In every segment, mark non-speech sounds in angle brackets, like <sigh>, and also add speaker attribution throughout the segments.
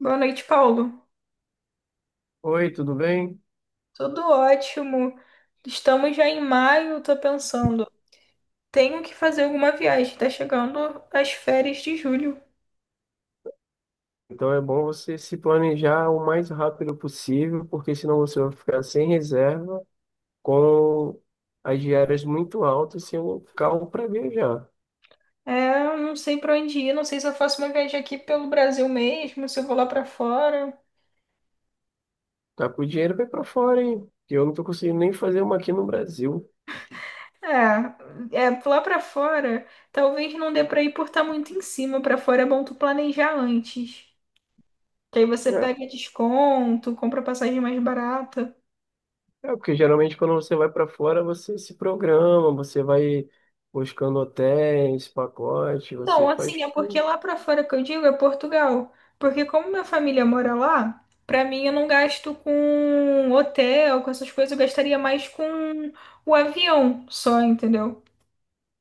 Speaker 1: Boa noite, Paulo.
Speaker 2: Oi, tudo bem?
Speaker 1: Tudo ótimo. Estamos já em maio, tô pensando. Tenho que fazer alguma viagem. Tá chegando as férias de julho.
Speaker 2: Então é bom você se planejar o mais rápido possível, porque senão você vai ficar sem reserva, com as diárias muito altas, sem o carro para viajar.
Speaker 1: É, eu não sei pra onde ir, não sei se eu faço uma viagem aqui pelo Brasil mesmo, se eu vou lá pra fora.
Speaker 2: Tá com o dinheiro vai para fora, hein? Que eu não tô conseguindo nem fazer uma aqui no Brasil.
Speaker 1: Lá pra fora, talvez não dê pra ir por estar muito em cima. Pra fora é bom tu planejar antes. Que aí você
Speaker 2: É,
Speaker 1: pega desconto, compra passagem mais barata.
Speaker 2: é porque geralmente quando você vai para fora, você se programa, você vai buscando hotéis, pacote,
Speaker 1: Não,
Speaker 2: você faz.
Speaker 1: assim, é porque lá pra fora que eu digo é Portugal. Porque como minha família mora lá, pra mim eu não gasto com hotel, com essas coisas, eu gastaria mais com o avião só, entendeu?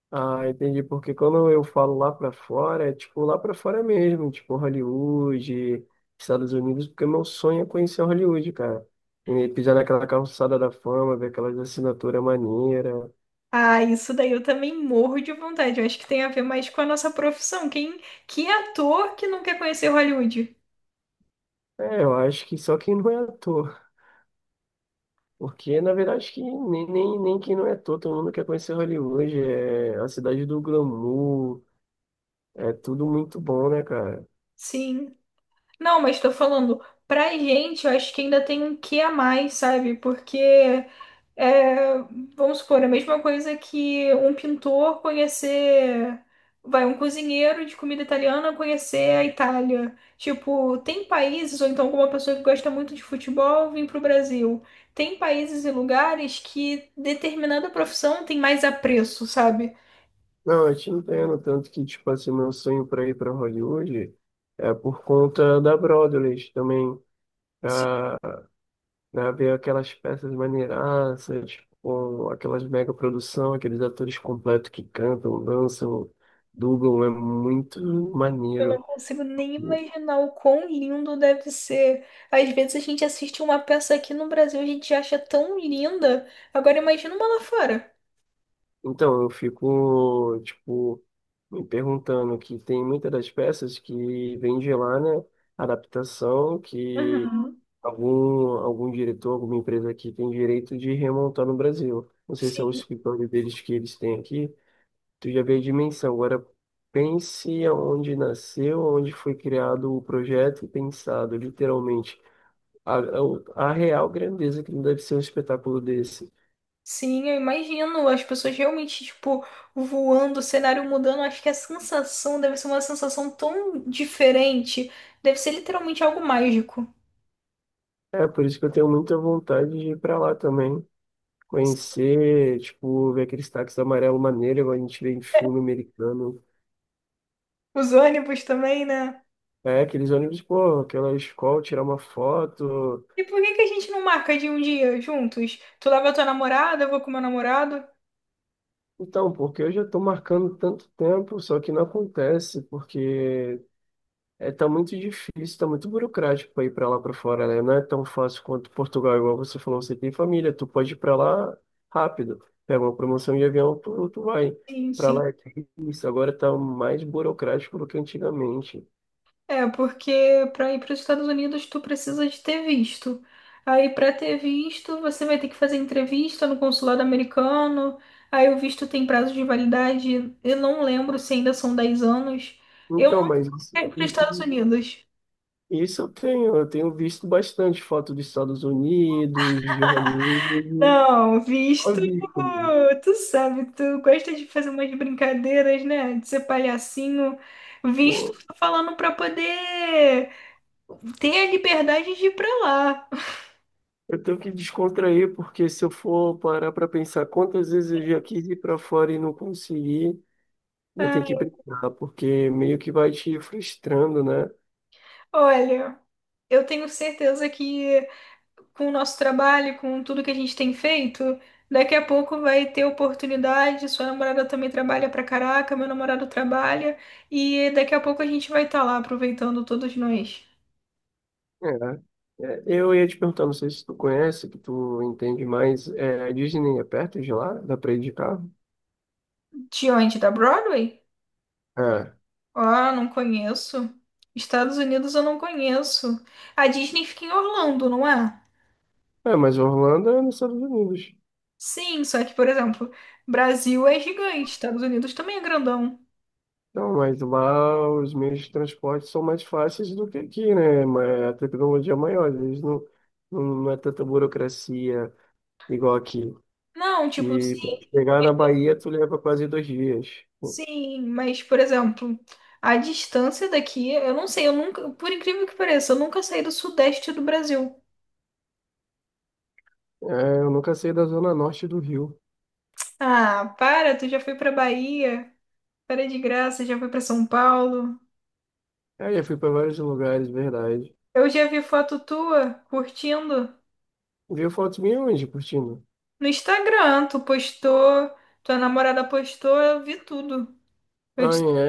Speaker 2: Ah, entendi, porque quando eu falo lá pra fora, é tipo lá pra fora mesmo, tipo Hollywood, Estados Unidos, porque meu sonho é conhecer Hollywood, cara. E pisar naquela calçada da fama, ver aquelas assinaturas maneiras.
Speaker 1: Ah, isso daí eu também morro de vontade. Eu acho que tem a ver mais com a nossa profissão. Que ator que não quer conhecer Hollywood?
Speaker 2: É, eu acho que só quem não é ator. Porque, na verdade, acho que nem quem não é ator, todo mundo quer conhecer Hollywood. É a cidade do glamour, é tudo muito bom, né, cara?
Speaker 1: Sim. Não, mas tô falando, pra gente, eu acho que ainda tem um quê a mais, sabe? Porque É, vamos supor, a mesma coisa que um pintor conhecer, vai, um cozinheiro de comida italiana conhecer a Itália. Tipo, tem países, ou então alguma pessoa que gosta muito de futebol vir para o Brasil. Tem países e lugares que determinada profissão tem mais apreço, sabe?
Speaker 2: Não, eu te entendo, tanto que, tipo assim, meu sonho pra ir pra Hollywood é por conta da Broadway também,
Speaker 1: Sim.
Speaker 2: né? Ver aquelas peças maneiraças, com aquelas mega produção, aqueles atores completos que cantam, dançam, dublam, é muito
Speaker 1: Eu não
Speaker 2: maneiro.
Speaker 1: consigo nem imaginar o quão lindo deve ser. Às vezes a gente assiste uma peça aqui no Brasil, a gente acha tão linda. Agora imagina uma lá fora.
Speaker 2: Então, eu fico, tipo, me perguntando que tem muitas das peças que vem de lá, né? Adaptação que
Speaker 1: Uhum.
Speaker 2: algum diretor, alguma empresa aqui tem direito de remontar no Brasil. Não sei se é o
Speaker 1: Sim.
Speaker 2: escritório deles que eles têm aqui. Tu já vê a dimensão. Agora, pense aonde nasceu, onde foi criado o projeto e pensado, literalmente. A, a real grandeza que deve ser um espetáculo desse.
Speaker 1: Sim, eu imagino as pessoas realmente, tipo, voando, o cenário mudando. Acho que a sensação deve ser uma sensação tão diferente. Deve ser literalmente algo mágico.
Speaker 2: É, por isso que eu tenho muita vontade de ir para lá também. Conhecer, tipo, ver aqueles táxis amarelo maneiro, igual a gente vê em filme americano.
Speaker 1: Os ônibus também, né?
Speaker 2: É, aqueles ônibus, pô, aquela escola, tirar uma foto.
Speaker 1: E por que que a gente não marca de um dia juntos? Tu leva tua namorada, eu vou com meu namorado.
Speaker 2: Então, porque eu já tô marcando tanto tempo, só que não acontece, porque é, tá muito difícil, tá muito burocrático para ir para lá para fora, né? Não é tão fácil quanto Portugal, igual você falou, você tem família, tu pode ir para lá rápido. Pega uma promoção de avião, tu vai.
Speaker 1: Sim,
Speaker 2: Para
Speaker 1: sim.
Speaker 2: lá é difícil, agora tá mais burocrático do que antigamente.
Speaker 1: É, porque para ir para os Estados Unidos tu precisa de ter visto. Aí para ter visto, você vai ter que fazer entrevista no consulado americano. Aí o visto tem prazo de validade. Eu não lembro se ainda são 10 anos. Eu não
Speaker 2: Então, mas isso-
Speaker 1: quero ir para os
Speaker 2: e,
Speaker 1: Estados Unidos.
Speaker 2: Isso eu tenho visto bastante foto dos Estados Unidos, de Hollywood,
Speaker 1: Não,
Speaker 2: só
Speaker 1: visto,
Speaker 2: visto mesmo.
Speaker 1: tu sabe, tu gosta de fazer umas brincadeiras, né? De ser palhacinho. Visto,
Speaker 2: Pô,
Speaker 1: tô falando para poder ter a liberdade de ir para lá.
Speaker 2: eu tenho que descontrair, porque se eu for parar para pensar quantas vezes eu já quis ir para fora e não consegui, né, tem que brincar, porque meio que vai te frustrando, né?
Speaker 1: Olha. Eu tenho certeza que com o nosso trabalho, com tudo que a gente tem feito, daqui a pouco vai ter oportunidade. Sua namorada também trabalha pra caraca, meu namorado trabalha, e daqui a pouco a gente vai estar lá aproveitando todos nós.
Speaker 2: É. Eu ia te perguntar, não sei se tu conhece, que tu entende mais, é, a Disney é perto de lá? Dá para ir de carro?
Speaker 1: De onde? Da Broadway?
Speaker 2: É.
Speaker 1: Ah, não conheço. Estados Unidos eu não conheço. A Disney fica em Orlando, não é?
Speaker 2: É, mas Orlando é nos Estados Unidos.
Speaker 1: Sim, só que, por exemplo, Brasil é gigante, Estados Unidos também é grandão.
Speaker 2: Não, mas lá os meios de transporte são mais fáceis do que aqui, né? Mas a tecnologia é maior, às vezes não é tanta burocracia igual aqui.
Speaker 1: Não, tipo,
Speaker 2: Que pra
Speaker 1: sim.
Speaker 2: chegar na Bahia, tu leva quase 2 dias.
Speaker 1: Sim, mas, por exemplo, a distância daqui, eu não sei, eu nunca, por incrível que pareça, eu nunca saí do sudeste do Brasil.
Speaker 2: É, eu nunca saí da zona norte do Rio.
Speaker 1: Ah, para, tu já foi pra Bahia, para de graça, já foi pra São Paulo.
Speaker 2: É, já fui para vários lugares, verdade.
Speaker 1: Eu já vi foto tua curtindo
Speaker 2: Viu fotos minhas onde, curtindo?
Speaker 1: no Instagram, tu postou, tua namorada postou, eu vi tudo. Eu
Speaker 2: Ah,
Speaker 1: disse,
Speaker 2: é,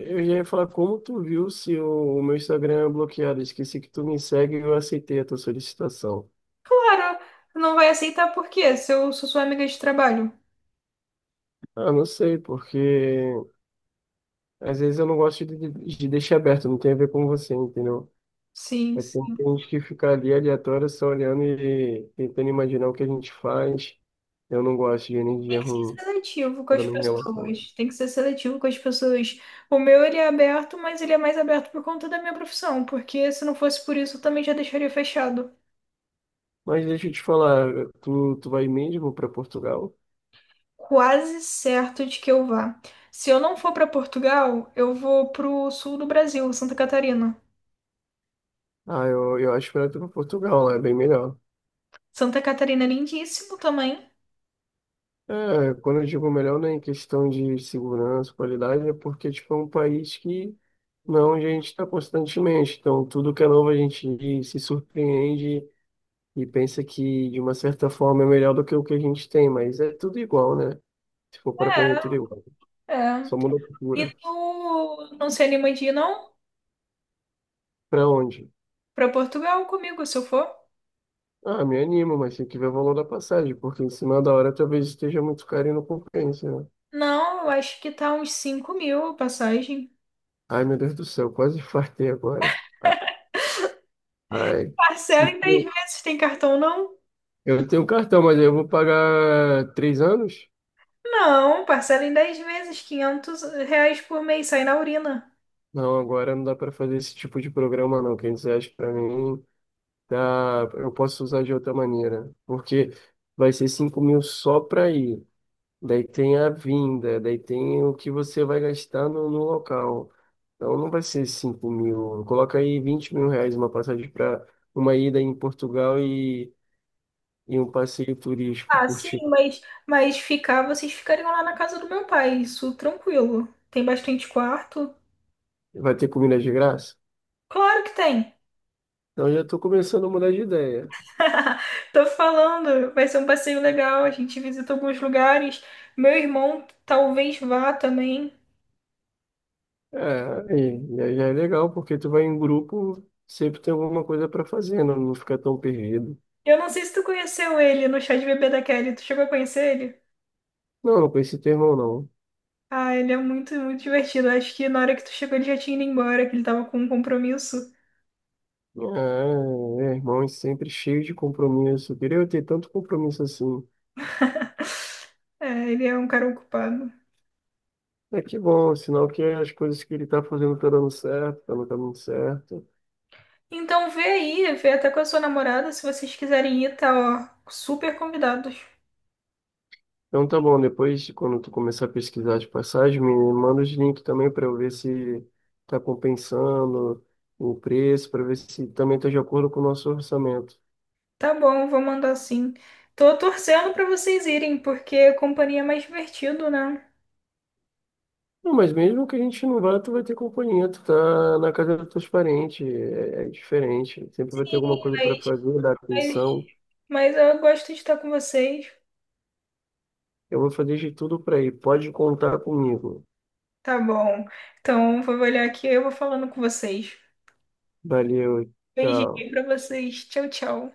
Speaker 2: é. Eu já ia falar como tu viu se o meu Instagram é bloqueado. Esqueci que tu me segue e eu aceitei a tua solicitação.
Speaker 1: para, não vai aceitar por quê? Se eu sou sua amiga de trabalho.
Speaker 2: Ah, não sei, porque às vezes eu não gosto de deixar aberto, não tem a ver com você, entendeu?
Speaker 1: Sim.
Speaker 2: É, tem gente que fica ali aleatória só olhando e tentando imaginar o que a gente faz. Eu não gosto de energia ruim
Speaker 1: Seletivo com
Speaker 2: quando
Speaker 1: as
Speaker 2: eu me relaciono.
Speaker 1: pessoas. Tem que ser seletivo com as pessoas. O meu ele é aberto, mas ele é mais aberto por conta da minha profissão, porque se não fosse por isso, eu também já deixaria fechado.
Speaker 2: Mas deixa eu te falar, tu vai mesmo para Portugal?
Speaker 1: Quase certo de que eu vá. Se eu não for para Portugal, eu vou pro sul do Brasil, Santa Catarina.
Speaker 2: Ah, eu acho melhor tu para Portugal, lá é bem melhor.
Speaker 1: Santa Catarina é lindíssimo também.
Speaker 2: É, quando eu digo melhor, não é em questão de segurança, qualidade, é porque tipo, é um país que não, a gente está constantemente. Então, tudo que é novo a gente se surpreende e pensa que, de uma certa forma, é melhor do que o que a gente tem, mas é tudo igual, né? Se for para ver, é tudo igual. Só
Speaker 1: É.
Speaker 2: muda a
Speaker 1: E
Speaker 2: cultura.
Speaker 1: tu não se anima de ir, não?
Speaker 2: Para onde?
Speaker 1: Pra Portugal comigo, se eu for?
Speaker 2: Ah, me animo, mas tem que ver o valor da passagem, porque em cima da hora talvez esteja muito caro e não compensa, né?
Speaker 1: Não, eu acho que tá uns 5 mil a passagem.
Speaker 2: Ai, meu Deus do céu, quase fartei agora. Ai, se
Speaker 1: Parcela em três
Speaker 2: tem-
Speaker 1: meses, tem cartão, não?
Speaker 2: eu tenho cartão, mas eu vou pagar 3 anos?
Speaker 1: Não, parcela em 10 vezes, 500 reais por mês, sai na urina.
Speaker 2: Não, agora não dá para fazer esse tipo de programa, não. R$ 500 para mim. Tá, eu posso usar de outra maneira, porque vai ser 5.000 só para ir, daí tem a vinda, daí tem o que você vai gastar no local. Então não vai ser 5.000, coloca aí 20.000 reais uma passagem para uma ida em Portugal e um passeio turístico,
Speaker 1: Ah, sim,
Speaker 2: curtir.
Speaker 1: mas ficar, vocês ficariam lá na casa do meu pai, isso tranquilo. Tem bastante quarto?
Speaker 2: Vai ter comida de graça?
Speaker 1: Claro que tem.
Speaker 2: Então já estou começando a mudar de ideia.
Speaker 1: <laughs> Tô falando, vai ser um passeio legal, a gente visita alguns lugares. Meu irmão talvez vá também.
Speaker 2: É, e aí já é legal, porque tu vai em grupo, sempre tem alguma coisa para fazer, não, não fica tão perdido.
Speaker 1: Eu não sei se tu conheceu ele no chá de bebê da Kelly, tu chegou a conhecer ele?
Speaker 2: Não, não conheci teu irmão, não.
Speaker 1: Ah, ele é muito, muito divertido. Acho que na hora que tu chegou ele já tinha ido embora, que ele tava com um compromisso.
Speaker 2: Ah, é, irmão, é sempre cheio de compromisso. Queria eu queria ter tanto compromisso assim.
Speaker 1: <laughs> É, ele é um cara ocupado.
Speaker 2: É que bom, sinal que as coisas que ele tá fazendo tá dando certo, tá no caminho certo.
Speaker 1: Então vê aí, vê até com a sua namorada, se vocês quiserem ir, tá, ó, super convidados.
Speaker 2: Então tá bom, depois, quando tu começar a pesquisar de passagem, me manda os links também para eu ver se tá compensando o preço, para ver se também tá de acordo com o nosso orçamento.
Speaker 1: Tá bom, vou mandar sim. Tô torcendo pra vocês irem, porque companhia é mais divertido, né?
Speaker 2: Não, mas mesmo que a gente não vá, tu vai ter companhia, tu tá na casa dos teus parentes, é, é diferente. Sempre vai ter alguma coisa para
Speaker 1: Mas,
Speaker 2: fazer, dar
Speaker 1: mas,
Speaker 2: atenção.
Speaker 1: mas eu gosto de estar com vocês.
Speaker 2: Eu vou fazer de tudo para ir. Pode contar comigo.
Speaker 1: Tá bom. Então vou olhar aqui, eu vou falando com vocês.
Speaker 2: Valeu, tchau.
Speaker 1: Beijinho pra vocês. Tchau, tchau.